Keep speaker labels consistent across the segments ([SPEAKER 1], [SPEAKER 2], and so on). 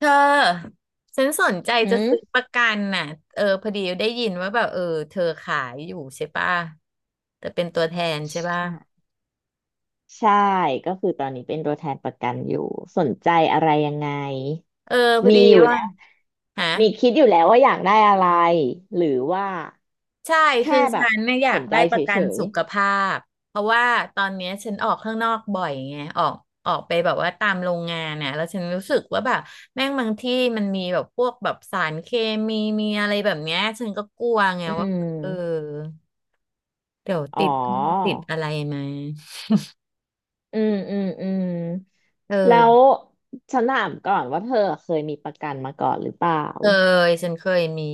[SPEAKER 1] เธอฉันสนใจ
[SPEAKER 2] หื
[SPEAKER 1] จะซื้อ
[SPEAKER 2] ม
[SPEAKER 1] ประกันน่ะพอดีได้ยินว่าแบบเธอขายอยู่ใช่ป่ะแต่เป็นตัวแทนใช่ป่ะ
[SPEAKER 2] ใช่ใช่ก็คือตอนนี้เป็นตัวแทนประกันอยู่สนใจอะไรยังไง
[SPEAKER 1] เออพอ
[SPEAKER 2] มี
[SPEAKER 1] ดี
[SPEAKER 2] อยู่
[SPEAKER 1] ว่า
[SPEAKER 2] แล้ว
[SPEAKER 1] ฮะ
[SPEAKER 2] มีคิดอยู่แล้วว่าอยากได้อะไร หรือว่า
[SPEAKER 1] ใช่
[SPEAKER 2] แค่
[SPEAKER 1] คือ
[SPEAKER 2] แบ
[SPEAKER 1] ฉั
[SPEAKER 2] บ
[SPEAKER 1] นเนี่ยอยา
[SPEAKER 2] ส
[SPEAKER 1] ก
[SPEAKER 2] นใจ
[SPEAKER 1] ได้ประกั
[SPEAKER 2] เฉ
[SPEAKER 1] น
[SPEAKER 2] ย
[SPEAKER 1] สุขภาพเพราะว่าตอนเนี้ยฉันออกข้างนอกบ่อยไงออกไปแบบว่าตามโรงงานน่ะแล้วฉันรู้สึกว่าแบบแม่งบางที่มันมีแบบพวกแบบสารเคมีมีอะไรแบบเนี้ยฉันก็กลัวไง
[SPEAKER 2] ๆอื
[SPEAKER 1] ว่า
[SPEAKER 2] ม
[SPEAKER 1] เออเดี๋ยว
[SPEAKER 2] อ๋อ
[SPEAKER 1] ติดอะไรมา
[SPEAKER 2] อืม
[SPEAKER 1] เอ
[SPEAKER 2] แล้ว
[SPEAKER 1] อ
[SPEAKER 2] ฉันถามก่อนว่าเธอเคยมีประกันมาก่อนหรือเปล่า
[SPEAKER 1] เคยฉันเคยมี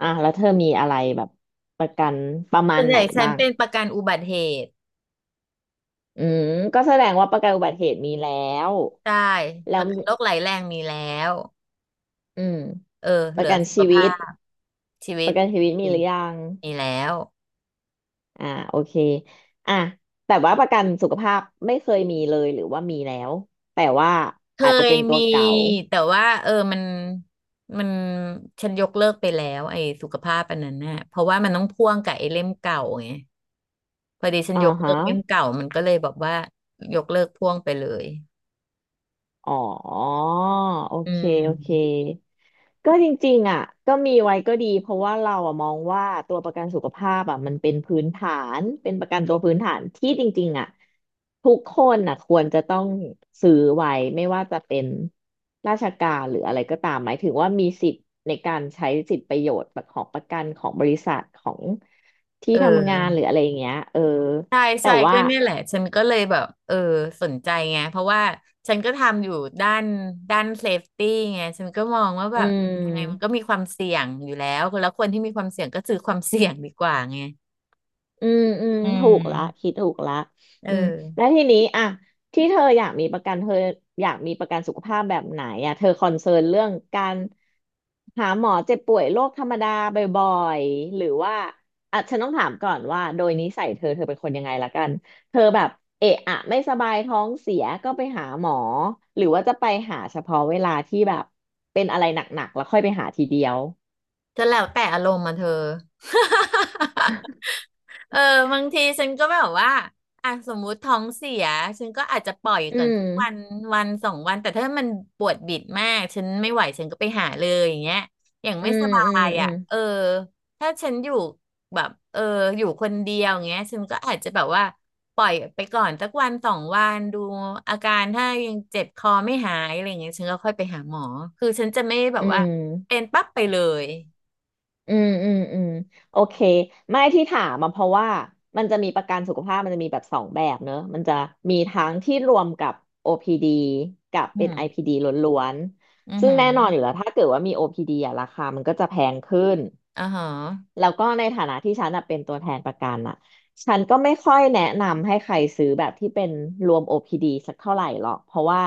[SPEAKER 2] อ่ะแล้วเธอมีอะไรแบบประกันประมา
[SPEAKER 1] ส่
[SPEAKER 2] ณ
[SPEAKER 1] วนให
[SPEAKER 2] ไหน
[SPEAKER 1] ญ่ฉัน
[SPEAKER 2] บ้าง
[SPEAKER 1] เป็นประกันอุบัติเหตุ
[SPEAKER 2] อืมก็แสดงว่าประกันอุบัติเหตุมีแล้ว
[SPEAKER 1] ใช่
[SPEAKER 2] แล้
[SPEAKER 1] ป
[SPEAKER 2] ว
[SPEAKER 1] ระกันโรคไหลแรงมีแล้ว
[SPEAKER 2] อืม
[SPEAKER 1] เออ
[SPEAKER 2] ป
[SPEAKER 1] เหลื
[SPEAKER 2] ระ
[SPEAKER 1] อ
[SPEAKER 2] กัน
[SPEAKER 1] สุข
[SPEAKER 2] ชีวิ
[SPEAKER 1] ภา
[SPEAKER 2] ต
[SPEAKER 1] พชีวิ
[SPEAKER 2] ป
[SPEAKER 1] ต
[SPEAKER 2] ระกันชีวิตมี
[SPEAKER 1] มี
[SPEAKER 2] หรือยัง
[SPEAKER 1] มีแล้ว
[SPEAKER 2] อ่าโอเคอ่ะแต่ว่าประกันสุขภาพไม่เคยมีเลยหรือว่ามีแล้วแต่ว่า
[SPEAKER 1] เค
[SPEAKER 2] อาจจะ
[SPEAKER 1] ย
[SPEAKER 2] เป็นตั
[SPEAKER 1] มี
[SPEAKER 2] วเก่า
[SPEAKER 1] แต่ว่ามันฉันยกเลิกไปแล้วไอ้สุขภาพอันนั้นน่ะเพราะว่ามันต้องพ่วงกับไอ้เล่มเก่าไงพอดีฉัน
[SPEAKER 2] อ่า
[SPEAKER 1] ยกเลิ
[SPEAKER 2] ฮะ
[SPEAKER 1] กเล่มเก่ามันก็เลยแบบว่ายกเลิกพ่วงไปเลย
[SPEAKER 2] อ๋อโอ
[SPEAKER 1] อื
[SPEAKER 2] เคโอเค
[SPEAKER 1] ม
[SPEAKER 2] ก็จริงๆอ่ะก็มีไว้ก็ดีเพราะว่าเราอ่ะมองว่าตัวประกันสุขภาพอ่ะมันเป็นพื้นฐาน เป็นประกันตัวพื้นฐานที่จริงๆอ่ะทุกคนอ่ะควรจะต้องซื้อไว้ไม่ว่าจะเป็นราชการหรืออะไรก็ตามหมายถึงว่ามีสิทธิ์ในการใช้สิทธิประโยชน์ของประกันของบริษัทของที่
[SPEAKER 1] เอ
[SPEAKER 2] ทำงานหรือ
[SPEAKER 1] อ
[SPEAKER 2] อะไรอย่างเงี้ย
[SPEAKER 1] ใช่
[SPEAKER 2] แต่
[SPEAKER 1] ใช่
[SPEAKER 2] ว่า
[SPEAKER 1] ก็เนี่ยแหละฉันก็เลยแบบสนใจไงเพราะว่าฉันก็ทำอยู่ด้านด้านเซฟตี้ไงฉันก็มองว่าแบ
[SPEAKER 2] อื
[SPEAKER 1] บยังไงมันก็
[SPEAKER 2] ม
[SPEAKER 1] มีความเสี่ยงอยู่แล้วแล้วคนที่มีความเสี่ยงก็ซือความเสี่ยงดีกว่าไง
[SPEAKER 2] อืม
[SPEAKER 1] อื
[SPEAKER 2] ถูกละ
[SPEAKER 1] ม
[SPEAKER 2] คิดถูกละ
[SPEAKER 1] เอ
[SPEAKER 2] อืมแล้
[SPEAKER 1] อ
[SPEAKER 2] วทีนี้อ่ะที่เธออยากมีประกันเธออยากมีประกันสุขภาพแบบไหนอ่ะเธอคอนเซิร์นเรื่องการหาหมอเจ็บป่วยโรคธรรมดาบ่อยๆหรือว่าอ่ะฉันต้องถามก่อนว่าโดยนิสัยเธอเป็นคนยังไงละกันเธอแบบเอะอะไม่สบายท้องเสียก็ไปหาหมอหรือว่าจะไปหาเฉพาะเวลาที่แบบเป็นอะไรหนักๆแล้วค่อยไปหาทีเดียว
[SPEAKER 1] ก็แล้วแต่อารมณ์มาเธอ เออบางทีฉันก็แบบว่าอ่ะสมมุติท้องเสียฉันก็อาจจะปล่อย
[SPEAKER 2] อื
[SPEAKER 1] ก่อนสักวัน
[SPEAKER 2] ม
[SPEAKER 1] วันสองวันแต่ถ้ามันปวดบิดมากฉันไม่ไหวฉันก็ไปหาเลยอย่างเงี้ยอย่าง
[SPEAKER 2] อื
[SPEAKER 1] ไม่ส
[SPEAKER 2] ม
[SPEAKER 1] บา
[SPEAKER 2] อืม
[SPEAKER 1] ย
[SPEAKER 2] อื
[SPEAKER 1] อ่ะ
[SPEAKER 2] ม
[SPEAKER 1] เออถ้าฉันอยู่แบบอยู่คนเดียวอย่างเงี้ยฉันก็อาจจะแบบว่าปล่อยไปก่อนสักวันสองวันดูอาการถ้ายังเจ็บคอไม่หายอะไรอย่างเงี้ยฉันก็ค่อยไปหาหมอคือฉันจะไม่แบ
[SPEAKER 2] อื
[SPEAKER 1] บว่าเป็
[SPEAKER 2] ม
[SPEAKER 1] นปั๊บไปเลย
[SPEAKER 2] อืมโอเคไม่ที่ถามมาเพราะว่ามันจะมีประกันสุขภาพมันจะมีแบบสองแบบเนอะมันจะมีทั้งที่รวมกับ OPD กับ
[SPEAKER 1] อื
[SPEAKER 2] เป็น
[SPEAKER 1] ม
[SPEAKER 2] IPD ล้วน
[SPEAKER 1] อือ
[SPEAKER 2] ๆซึ่ง
[SPEAKER 1] หือ
[SPEAKER 2] แน่นอนอยู่แล้วถ้าเกิดว่ามี OPD อพีดีอะราคามันก็จะแพงขึ้น
[SPEAKER 1] อ่าฮะ
[SPEAKER 2] แล้วก็ในฐานะที่ฉันอะเป็นตัวแทนประกันอะฉันก็ไม่ค่อยแนะนำให้ใครซื้อแบบที่เป็นรวม OPD สักเท่าไหร่หรอกเพราะว่า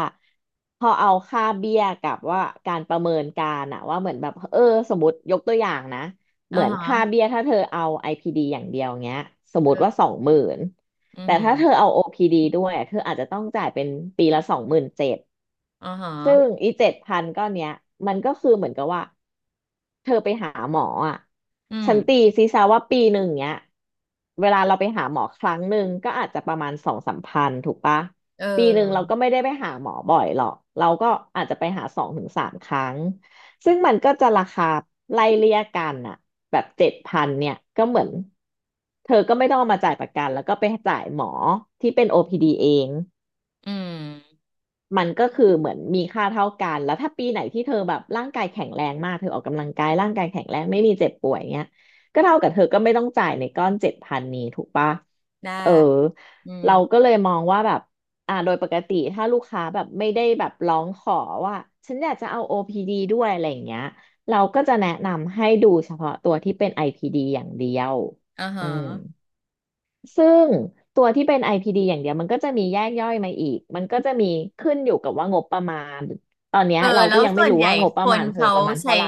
[SPEAKER 2] พอเอาค่าเบี้ยกับว่าการประเมินการอะว่าเหมือนแบบสมมติยกตัวอย่างนะเห
[SPEAKER 1] อ่า
[SPEAKER 2] มือน
[SPEAKER 1] ฮะ
[SPEAKER 2] ค่าเบี้ยถ้าเธอเอา IPD อพีดีอย่างเดียวเงี้ยสมมติ
[SPEAKER 1] เออ
[SPEAKER 2] ว่าสองหมื่น
[SPEAKER 1] อือ
[SPEAKER 2] แต่
[SPEAKER 1] หือ
[SPEAKER 2] ถ้าเธอเอา OPD ดด้วยอะเธออาจจะต้องจ่ายเป็นปีละสองหมื่นเจ็ด
[SPEAKER 1] อ๋อฮะ
[SPEAKER 2] ซึ่งอีเจ็ดพันก้อนเนี้ยมันก็คือเหมือนกับว่า เธอไปหาหมออ่ะ
[SPEAKER 1] อืม
[SPEAKER 2] ฉันตีซีซาว่าปีหนึ่งเนี้ยเวลาเราไปหาหมอครั้งหนึ่งก็อาจจะประมาณสองสามพันถูกปะ
[SPEAKER 1] เอ
[SPEAKER 2] ปีหนึ่งเรา
[SPEAKER 1] อ
[SPEAKER 2] ก็ไม่ได้ไปหาหมอบ่อยหรอกเราก็อาจจะไปหาสองถึงสามครั้งซึ่งมันก็จะราคาไล่เลี่ยกันอ่ะแบบเจ็ดพันเนี่ยก็เหมือนเธอก็ไม่ต้องเอามาจ่ายประกันแล้วก็ไปจ่ายหมอที่เป็น OPD เอง
[SPEAKER 1] อืม
[SPEAKER 2] มันก็คือเหมือนมีค่าเท่ากันแล้วถ้าปีไหนที่เธอแบบร่างกายแข็งแรงมากเธอออกกำลังกายร่างกายแข็งแรงไม่มีเจ็บป่วยเงี้ยก็เท่ากับเธอก็ไม่ต้องจ่ายในก้อนเจ็ดพันนี้ถูกปะ
[SPEAKER 1] ได้
[SPEAKER 2] เออ
[SPEAKER 1] อืม
[SPEAKER 2] เราก็เลยมองว่าแบบอ่าโดยปกติถ้าลูกค้าแบบไม่ได้แบบร้องขอว่าฉันอยากจะเอา OPD ดด้วยอะไรอย่างเงี้ยเราก็จะแนะนำให้ดูเฉพาะตัวที่เป็น IPD อพีดีอย่างเดียว
[SPEAKER 1] อ่า
[SPEAKER 2] อื
[SPEAKER 1] ฮะ
[SPEAKER 2] ม ซึ่งตัวที่เป็น IPD อพีดีอย่างเดียวมันก็จะมีแยกย่อยมาอีก มันก็จะมีขึ้นอยู่กับว่างบประมาณตอนเนี้ย
[SPEAKER 1] เออ
[SPEAKER 2] เรา
[SPEAKER 1] แล้
[SPEAKER 2] ก็
[SPEAKER 1] ว
[SPEAKER 2] ยังไม่
[SPEAKER 1] ส่วน
[SPEAKER 2] รู้
[SPEAKER 1] ใหญ่
[SPEAKER 2] ว่างบป
[SPEAKER 1] ค
[SPEAKER 2] ระมา
[SPEAKER 1] น
[SPEAKER 2] ณเธอ
[SPEAKER 1] เขา
[SPEAKER 2] ประมาณ
[SPEAKER 1] ใช้
[SPEAKER 2] เท่าไหร่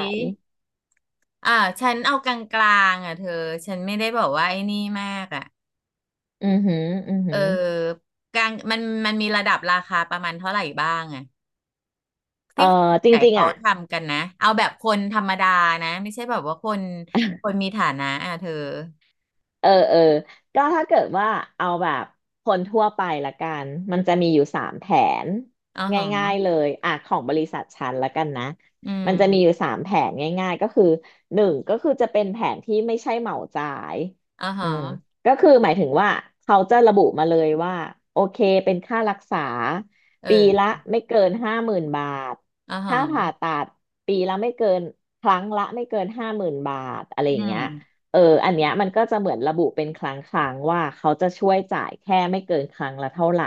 [SPEAKER 1] อ่าฉันเอากลางๆอ่ะเธอฉันไม่ได้บอกว่าไอ้นี่มากอ่ะ
[SPEAKER 2] อือหืออือ
[SPEAKER 1] เอ
[SPEAKER 2] หื
[SPEAKER 1] อ
[SPEAKER 2] อ
[SPEAKER 1] กลางมันมีระดับราคาประมาณเท่าไหร่บ้างอ่ะ
[SPEAKER 2] เอ่อ
[SPEAKER 1] ที่คนส่ว
[SPEAKER 2] จ
[SPEAKER 1] นใหญ่
[SPEAKER 2] ริงๆ
[SPEAKER 1] เขา
[SPEAKER 2] อ่ะ
[SPEAKER 1] ทำกันนะเอาแบบคนธรรมดานะไม่ใช่แบบว่าคนมีฐานะอ่ะเธอ
[SPEAKER 2] เออก็ถ้าเกิดว่าเอาแบบคนทั่วไปละกัน มันจะมีอยู่สามแผน
[SPEAKER 1] อ่า
[SPEAKER 2] ง่า
[SPEAKER 1] ฮะ
[SPEAKER 2] ยๆเลยอ่ะของบริษัทฉันละกันนะ
[SPEAKER 1] อื
[SPEAKER 2] มันจะมีอ
[SPEAKER 1] ม
[SPEAKER 2] ยู่สามแผนง่ายๆก็คือหนึ่งก็คือจะเป็นแผนที่ไม่ใช่เหมาจ่าย
[SPEAKER 1] อ่า
[SPEAKER 2] อื
[SPEAKER 1] ฮะ
[SPEAKER 2] มก็คือหมายถึงว่าเขาจะระบุมาเลยว่าโอเคเป็นค่ารักษา
[SPEAKER 1] เอ
[SPEAKER 2] ปีละ
[SPEAKER 1] อ
[SPEAKER 2] ไม่เกินห้าหมื่นบาท
[SPEAKER 1] อ่าฮ
[SPEAKER 2] ค่าผ่า
[SPEAKER 1] ะ
[SPEAKER 2] ตัดปีละไม่เกินครั้งละไม่เกินห้าหมื่นบาทอะไรอ
[SPEAKER 1] อื
[SPEAKER 2] ย่าง
[SPEAKER 1] ม
[SPEAKER 2] เงี้ย เอออันเนี้ยมันก็จะเหมือนระบุเป็นครั้งว่าเขาจะช่วยจ่ายแค่ไม่เกินครั้งละเท่าไหร่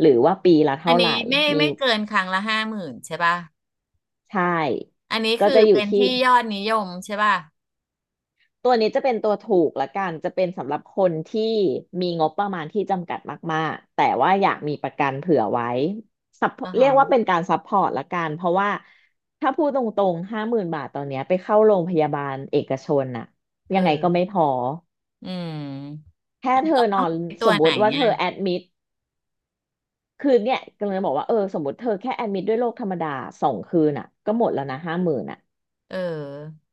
[SPEAKER 2] หรือว่าปีละ
[SPEAKER 1] อั
[SPEAKER 2] เท่า
[SPEAKER 1] น
[SPEAKER 2] ไหร่
[SPEAKER 1] นี้ไม่
[SPEAKER 2] มี
[SPEAKER 1] ไม่เกินครั้งละ50,000ใช่ป่ะ
[SPEAKER 2] ใช่
[SPEAKER 1] อันนี้
[SPEAKER 2] ก็
[SPEAKER 1] คือ
[SPEAKER 2] จะอยู่
[SPEAKER 1] เป็น
[SPEAKER 2] ที่
[SPEAKER 1] ที่ยอดนิยมใช่ป่ะ
[SPEAKER 2] ตัวนี้จะเป็นตัวถูกละกันจะเป็นสำหรับคนที่มีงบประมาณที่จำกัดมากๆแต่ว่าอยากมีประกันเผื่อไว้
[SPEAKER 1] อ๋อ
[SPEAKER 2] support- เรี
[SPEAKER 1] ฮะ
[SPEAKER 2] ยกว่าเป็นการซัพพอร์ตละกันเพราะว่าถ้าพูดตรงๆห้าหมื่นบาทตอนเนี้ยไปเข้าโรงพยาบาลเอกชนน่ะ
[SPEAKER 1] เ
[SPEAKER 2] ยังไงก็ไม่
[SPEAKER 1] ออ
[SPEAKER 2] พอ
[SPEAKER 1] อืม
[SPEAKER 2] แค่เธอนอนส
[SPEAKER 1] ตัว
[SPEAKER 2] มม
[SPEAKER 1] ไหน
[SPEAKER 2] ติว่าเธ
[SPEAKER 1] เนี่ย
[SPEAKER 2] อแอดมิด คือเนี่ยกำลังจะบอกว่าเออสมมติเธอแค่แอดมิดด้วยโรคธรรมดาสองคืนอ่ะก็หมดแล้วนะห้าหมื่นอ่ะ
[SPEAKER 1] เออ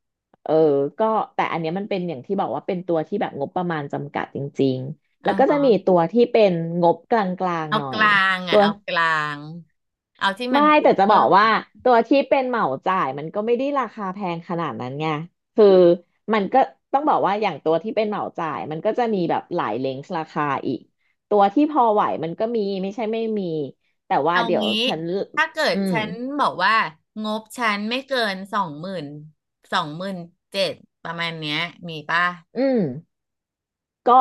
[SPEAKER 2] เออก็แต่อันเนี้ยมันเป็นอย่างที่บอกว่าเป็นตัวที่แบบงบประมาณจำกัดจริงๆ
[SPEAKER 1] อ๋
[SPEAKER 2] แล้
[SPEAKER 1] อ
[SPEAKER 2] วก็จะ
[SPEAKER 1] ฮะ
[SPEAKER 2] มีตัวที่เป็นงบกลาง
[SPEAKER 1] เอา
[SPEAKER 2] ๆหน่อ
[SPEAKER 1] ก
[SPEAKER 2] ย
[SPEAKER 1] ลาง
[SPEAKER 2] ตั
[SPEAKER 1] อ่ะ
[SPEAKER 2] ว
[SPEAKER 1] เอากลางเอาที่มัน
[SPEAKER 2] ไม่แต่จะบอ
[SPEAKER 1] cover
[SPEAKER 2] กว่าตัวที่เป็นเหมาจ่ายมันก็ไม่ได้ราคาแพงขนาดนั้นไงคือมันก็ต้องบอกว่าอย่างตัวที่เป็นเหมาจ่ายมันก็จะมีแบบหลายเลนส์ราคาอีกตัวที่พอไหวมันก็มีไม่ใช่ไม่มีแต่ว่า
[SPEAKER 1] เอา
[SPEAKER 2] เดี๋ยว
[SPEAKER 1] งี้
[SPEAKER 2] ฉัน
[SPEAKER 1] ถ้าเกิด
[SPEAKER 2] อืม
[SPEAKER 1] ฉันบอกว่างบฉันไม่เกินสองหมื่น27,000ประมาณเนี้ยมีป่ะ
[SPEAKER 2] อืมก็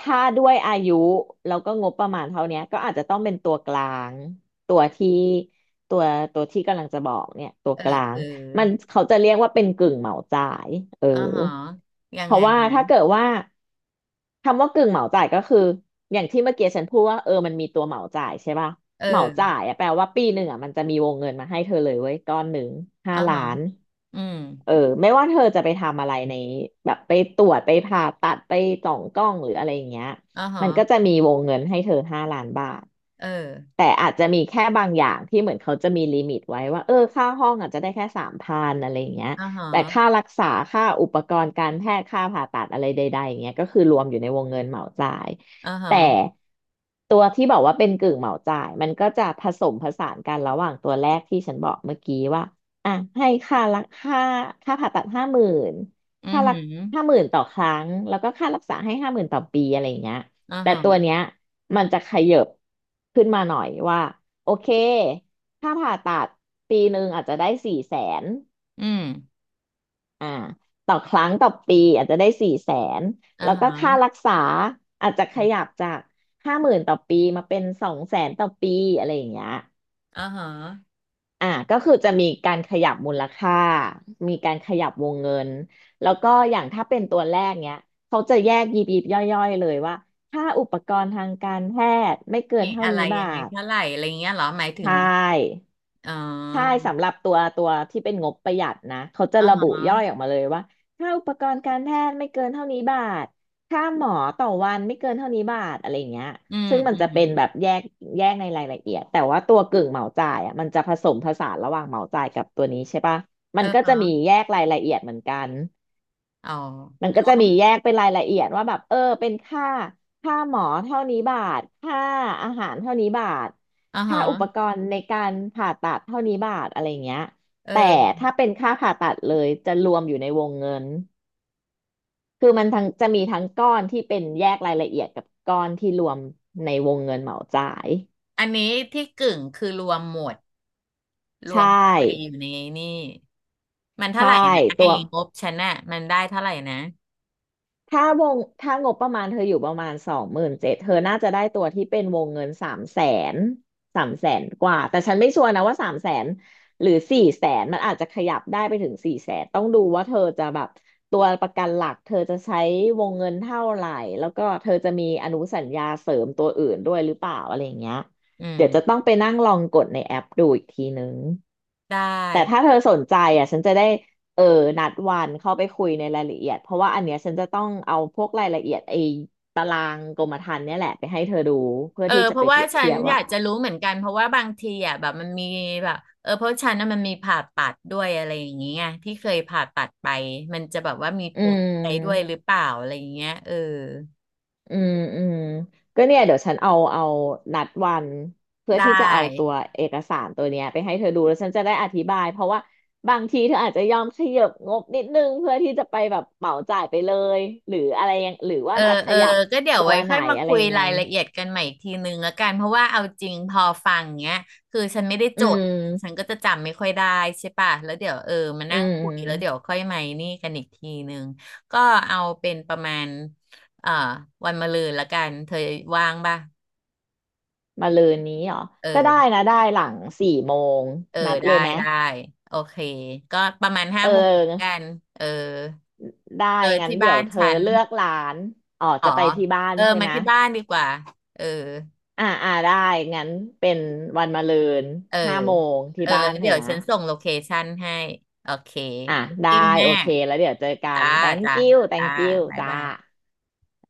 [SPEAKER 2] ถ้าด้วยอายุแล้วก็งบประมาณเท่าเนี้ยก็อาจจะต้องเป็นตัวกลางตัวที่ตัวตัวที่กำลังจะบอกเนี่ยตัว
[SPEAKER 1] เออ
[SPEAKER 2] กลา
[SPEAKER 1] เอ
[SPEAKER 2] ง
[SPEAKER 1] อ
[SPEAKER 2] มันเขาจะเรียกว่าเป็นกึ่งเหมาจ่ายเออ
[SPEAKER 1] อ๋อฮะยั
[SPEAKER 2] เพ
[SPEAKER 1] งไง
[SPEAKER 2] ราะว่าถ้าเกิ
[SPEAKER 1] นะ
[SPEAKER 2] ดว่าคำว่ากึ่งเหมาจ่ายก็คืออย่างที่เมื่อกี้ฉันพูดว่าเออมันมีตัวเหมาจ่ายใช่ป่ะ
[SPEAKER 1] เอ
[SPEAKER 2] เหมาจ่า
[SPEAKER 1] อ
[SPEAKER 2] ยอะแปลว่าปีหนึ่งอะมันจะมีวงเงินมาให้เธอเลยเว้ยก้อนหนึ่ง
[SPEAKER 1] อ๋
[SPEAKER 2] ห้า
[SPEAKER 1] อ
[SPEAKER 2] ล้า
[SPEAKER 1] ฮะ
[SPEAKER 2] น
[SPEAKER 1] อืม
[SPEAKER 2] เออไม่ว่าเธอจะไปทำอะไรในแบบไปตรวจไปผ่าตัดไปจ่องกล้องหรืออะไรอย่างเงี้ย
[SPEAKER 1] อ๋อฮะ
[SPEAKER 2] มันก็จะมีวงเงินให้เธอห้าล้านบาท
[SPEAKER 1] เออ
[SPEAKER 2] แต่อาจจะมีแค่บางอย่างที่เหมือนเขาจะมีลิมิตไว้ว่าเออค่าห้องอาจจะได้แค่สามพันอะไรอย่างเงี้ย
[SPEAKER 1] อ่าฮะ
[SPEAKER 2] แต่ค่ารักษาค่าอุปกรณ์การแพทย์ค่าผ่าตัดอะไรใดๆอย่างเงี้ยก็คือรวมอยู่ในวงเงินเหมาจ่าย
[SPEAKER 1] อ่าฮะ
[SPEAKER 2] แต่ตัวที่บอกว่าเป็นกึ่งเหมาจ่ายมันก็จะผสมผสานกันระหว่างตัวแรกที่ฉันบอกเมื่อกี้ว่า อ่ะให้ค่าผ่าตัดห้าหมื่น
[SPEAKER 1] อือ
[SPEAKER 2] ค่ารั
[SPEAKER 1] หื
[SPEAKER 2] ก
[SPEAKER 1] อ
[SPEAKER 2] ห้าหมื่นต่อครั้งแล้วก็ค่ารักษาให้ห้าหมื่นต่อปีอะไรอย่างเงี้ย
[SPEAKER 1] อ่า
[SPEAKER 2] แต่
[SPEAKER 1] ฮะ
[SPEAKER 2] ตัวเนี้ยมันจะขยับขึ้นมาหน่อยว่าโอเคค่าผ่าตัดปีหนึ่งอาจจะได้สี่แสน
[SPEAKER 1] อืม
[SPEAKER 2] อ่าต่อครั้งต่อปีอาจจะได้สี่แสน
[SPEAKER 1] อ่า
[SPEAKER 2] แล้วก็ค่า
[SPEAKER 1] ฮะ
[SPEAKER 2] รักษาอาจจะขยับจากห้าหมื่นต่อปีมาเป็นสองแสนต่อปีอะไรอย่างเงี้ย
[SPEAKER 1] อ่าฮะ
[SPEAKER 2] อ่ะก็คือจะมีการขยับมูลค่ามีการขยับวงเงินแล้วก็อย่างถ้าเป็นตัวแรกเนี้ยเขาจะแยกยิบยิบย่อยๆเลยว่าค่าอุปกรณ์ทางการแพทย์ไม่เกิน
[SPEAKER 1] มี
[SPEAKER 2] เท่า
[SPEAKER 1] อะไร
[SPEAKER 2] นี้บา
[SPEAKER 1] ยังไง
[SPEAKER 2] ท
[SPEAKER 1] เท่าไหร่อะไรเงี้ยเหรอหมายถึ
[SPEAKER 2] ใช
[SPEAKER 1] ง
[SPEAKER 2] ่
[SPEAKER 1] อ๋
[SPEAKER 2] ใช่
[SPEAKER 1] อ
[SPEAKER 2] สำหรับตัวที่เป็นงบประหยัดนะเขาจะ
[SPEAKER 1] อ่า
[SPEAKER 2] ระบุ
[SPEAKER 1] ฮะ
[SPEAKER 2] ย่อยออกมาเลยว่าค่าอุปกรณ์การแพทย์ไม่เกินเท่านี้บาทค่าหมอต่อวันไม่เกินเท่านี้บาทอะไรเงี้ย
[SPEAKER 1] อืม
[SPEAKER 2] ซึ่งมัน
[SPEAKER 1] อื
[SPEAKER 2] จะ
[SPEAKER 1] ม
[SPEAKER 2] เป็นแบบแยกในรายละเอียดแต่ว่าตัวกึ่งเหมาจ่ายอ่ะมันจะผสมผสานระหว่างเหมาจ่ายกับตัวนี้ใช่ปะ
[SPEAKER 1] เอ
[SPEAKER 2] มั
[SPEAKER 1] อ
[SPEAKER 2] นก็
[SPEAKER 1] ฮะ
[SPEAKER 2] จะมีแยกรายละเอียดเหมือนกัน
[SPEAKER 1] อ๋
[SPEAKER 2] มัน
[SPEAKER 1] อ
[SPEAKER 2] ก็จะมีแยกเป็นรายละเอียดว่าแบบเออเป็นค่าหมอเท่านี้บาทค่าอาหารเท่านี้บาท
[SPEAKER 1] อ่า
[SPEAKER 2] ค่า
[SPEAKER 1] ฮะ
[SPEAKER 2] อุปกรณ์ในการผ่าตัดเท่านี้บาทอะไรอย่างเงี้ย
[SPEAKER 1] เอ
[SPEAKER 2] แต่
[SPEAKER 1] อ
[SPEAKER 2] ถ้าเป็นค่าผ่าตัดเลยจะรวมอยู่ในวงเงินคือมันทั้งจะมีทั้งก้อนที่เป็นแยกรายละเอียดกับก้อนที่รวมในวงเงินเหมาจ่าย
[SPEAKER 1] อันนี้ที่กึ่งคือรวมหมดร
[SPEAKER 2] ใช
[SPEAKER 1] วมเข้าไปอ
[SPEAKER 2] ่
[SPEAKER 1] ยู่ในนี่มันเท่า
[SPEAKER 2] ใช่
[SPEAKER 1] ไหร่นะ
[SPEAKER 2] ตั
[SPEAKER 1] ไอ้
[SPEAKER 2] ว
[SPEAKER 1] งบฉันน่ะมันได้เท่าไหร่นะ
[SPEAKER 2] ถ้าถ้างบประมาณเธออยู่ประมาณสองหมื่นเจ็ดเธอน่าจะได้ตัวที่เป็นวงเงินสามแสนสามแสนกว่าแต่ฉันไม่ชัวร์นะว่าสามแสนหรือสี่แสนมันอาจจะขยับได้ไปถึงสี่แสนต้องดูว่าเธอจะแบบตัวประกันหลักเธอจะใช้วงเงินเท่าไหร่แล้วก็เธอจะมีอนุสัญญาเสริมตัวอื่นด้วยหรือเปล่าอะไรอย่างเงี้ย
[SPEAKER 1] อื
[SPEAKER 2] เดี๋ยวจะ
[SPEAKER 1] ม
[SPEAKER 2] ต้องไปนั่งลองกดในแอปดูอีกทีนึง
[SPEAKER 1] ได้
[SPEAKER 2] แต่ถ้าเธอสนใจอ่ะฉันจะได้ เออนัดวันเข้าไปคุยในรายละเอียดเพราะว่าอันเนี้ยฉันจะต้องเอาพวกรายละเอียดไอ้ตารางกรมธรรม์เนี่ยแหละไปให้เธอดูเพื่อ
[SPEAKER 1] เออ
[SPEAKER 2] ที่จะ
[SPEAKER 1] เพ
[SPEAKER 2] ไป
[SPEAKER 1] ราะ
[SPEAKER 2] เป
[SPEAKER 1] ว่า
[SPEAKER 2] รียบ
[SPEAKER 1] ฉั
[SPEAKER 2] เที
[SPEAKER 1] น
[SPEAKER 2] ยบ
[SPEAKER 1] อ
[SPEAKER 2] ว่า
[SPEAKER 1] ยากจะรู้เหมือนกันเพราะว่าบางทีอ่ะแบบมันมีแบบเพราะฉันน่ะมันมีผ่าตัดด้วยอะไรอย่างเงี้ยที่เคยผ่าตัดไปมันจะแบบว่ามีผ
[SPEAKER 2] อื
[SPEAKER 1] ลอะไรด้วยห
[SPEAKER 2] ม
[SPEAKER 1] รือเปล่าอะไรอย่างเงี้ยเออ
[SPEAKER 2] อืมอืมก็เนี่ยเดี๋ยวฉันเอานัดวันเพื่อ
[SPEAKER 1] ได้
[SPEAKER 2] ที่จะเอาตัวเอกสารตัวเนี้ยไปให้เธอดูแล้วฉันจะได้อธิบายเพราะว่าบางทีเธออาจจะยอมขยับงบนิดนึงเพื่อที่จะไปแบบเหมาจ่ายไปเลยหรืออะไรยังหรือ
[SPEAKER 1] เอ
[SPEAKER 2] ว่า
[SPEAKER 1] อ
[SPEAKER 2] จะข
[SPEAKER 1] เออ
[SPEAKER 2] ยับ
[SPEAKER 1] ก็เดี๋ยว
[SPEAKER 2] ตัว
[SPEAKER 1] ไว้
[SPEAKER 2] ไหน
[SPEAKER 1] ค่อยมา
[SPEAKER 2] อะไร
[SPEAKER 1] คุย
[SPEAKER 2] ยังไง
[SPEAKER 1] รายละเอียดกันใหม่อีกทีนึงละกันเพราะว่าเอาจริงพอฟังเงี้ยคือฉันไม่ได้
[SPEAKER 2] อื
[SPEAKER 1] จดฉัน
[SPEAKER 2] ม
[SPEAKER 1] ก็จะจำไม่ค่อยได้ใช่ปะแล้วเดี๋ยวเออมา
[SPEAKER 2] อื
[SPEAKER 1] นั่งคุยแล้วเดี๋ยว
[SPEAKER 2] ม
[SPEAKER 1] ค่อยมานี่กันอีกทีนึงก็เอาเป็นประมาณเอ่อวันมะรืนละกันเธอว่างป่ะ
[SPEAKER 2] มาลืนนี้เหรอ
[SPEAKER 1] เอ
[SPEAKER 2] ก็ได้
[SPEAKER 1] อ
[SPEAKER 2] นะได้หลังสี่โมง
[SPEAKER 1] เออ
[SPEAKER 2] นัดเล
[SPEAKER 1] ได้
[SPEAKER 2] ยไหม
[SPEAKER 1] ได้โอเคก็ประมาณห้า
[SPEAKER 2] เอ
[SPEAKER 1] โมงกั
[SPEAKER 2] อ
[SPEAKER 1] นเออ
[SPEAKER 2] ได้
[SPEAKER 1] เออ
[SPEAKER 2] งั้น
[SPEAKER 1] ที่
[SPEAKER 2] เดี๋
[SPEAKER 1] บ้า
[SPEAKER 2] ยว
[SPEAKER 1] น
[SPEAKER 2] เธอ
[SPEAKER 1] ฉัน
[SPEAKER 2] เลือกร้านอ๋อ
[SPEAKER 1] อ๋อ
[SPEAKER 2] จะไปที่บ้าน
[SPEAKER 1] เออ
[SPEAKER 2] ใช่
[SPEAKER 1] มา
[SPEAKER 2] ไหม
[SPEAKER 1] ที่บ้านดีกว่าเออ
[SPEAKER 2] อ่าอ่าได้งั้นเป็นวันมะรืน
[SPEAKER 1] เออ
[SPEAKER 2] ห้าโมงที่
[SPEAKER 1] เออ
[SPEAKER 2] บ้านเธ
[SPEAKER 1] เดี๋
[SPEAKER 2] อ
[SPEAKER 1] ยว
[SPEAKER 2] นะ
[SPEAKER 1] ฉันส่งโลเคชั่นให้โอเค
[SPEAKER 2] อ่ะ
[SPEAKER 1] thank
[SPEAKER 2] ได้
[SPEAKER 1] you แม่
[SPEAKER 2] โอเคแล้วเดี๋ยวเจอกั
[SPEAKER 1] จ้า
[SPEAKER 2] น
[SPEAKER 1] จ้า
[SPEAKER 2] thank you
[SPEAKER 1] จ้า
[SPEAKER 2] thank you
[SPEAKER 1] บ๊าย
[SPEAKER 2] จ้า
[SPEAKER 1] บาย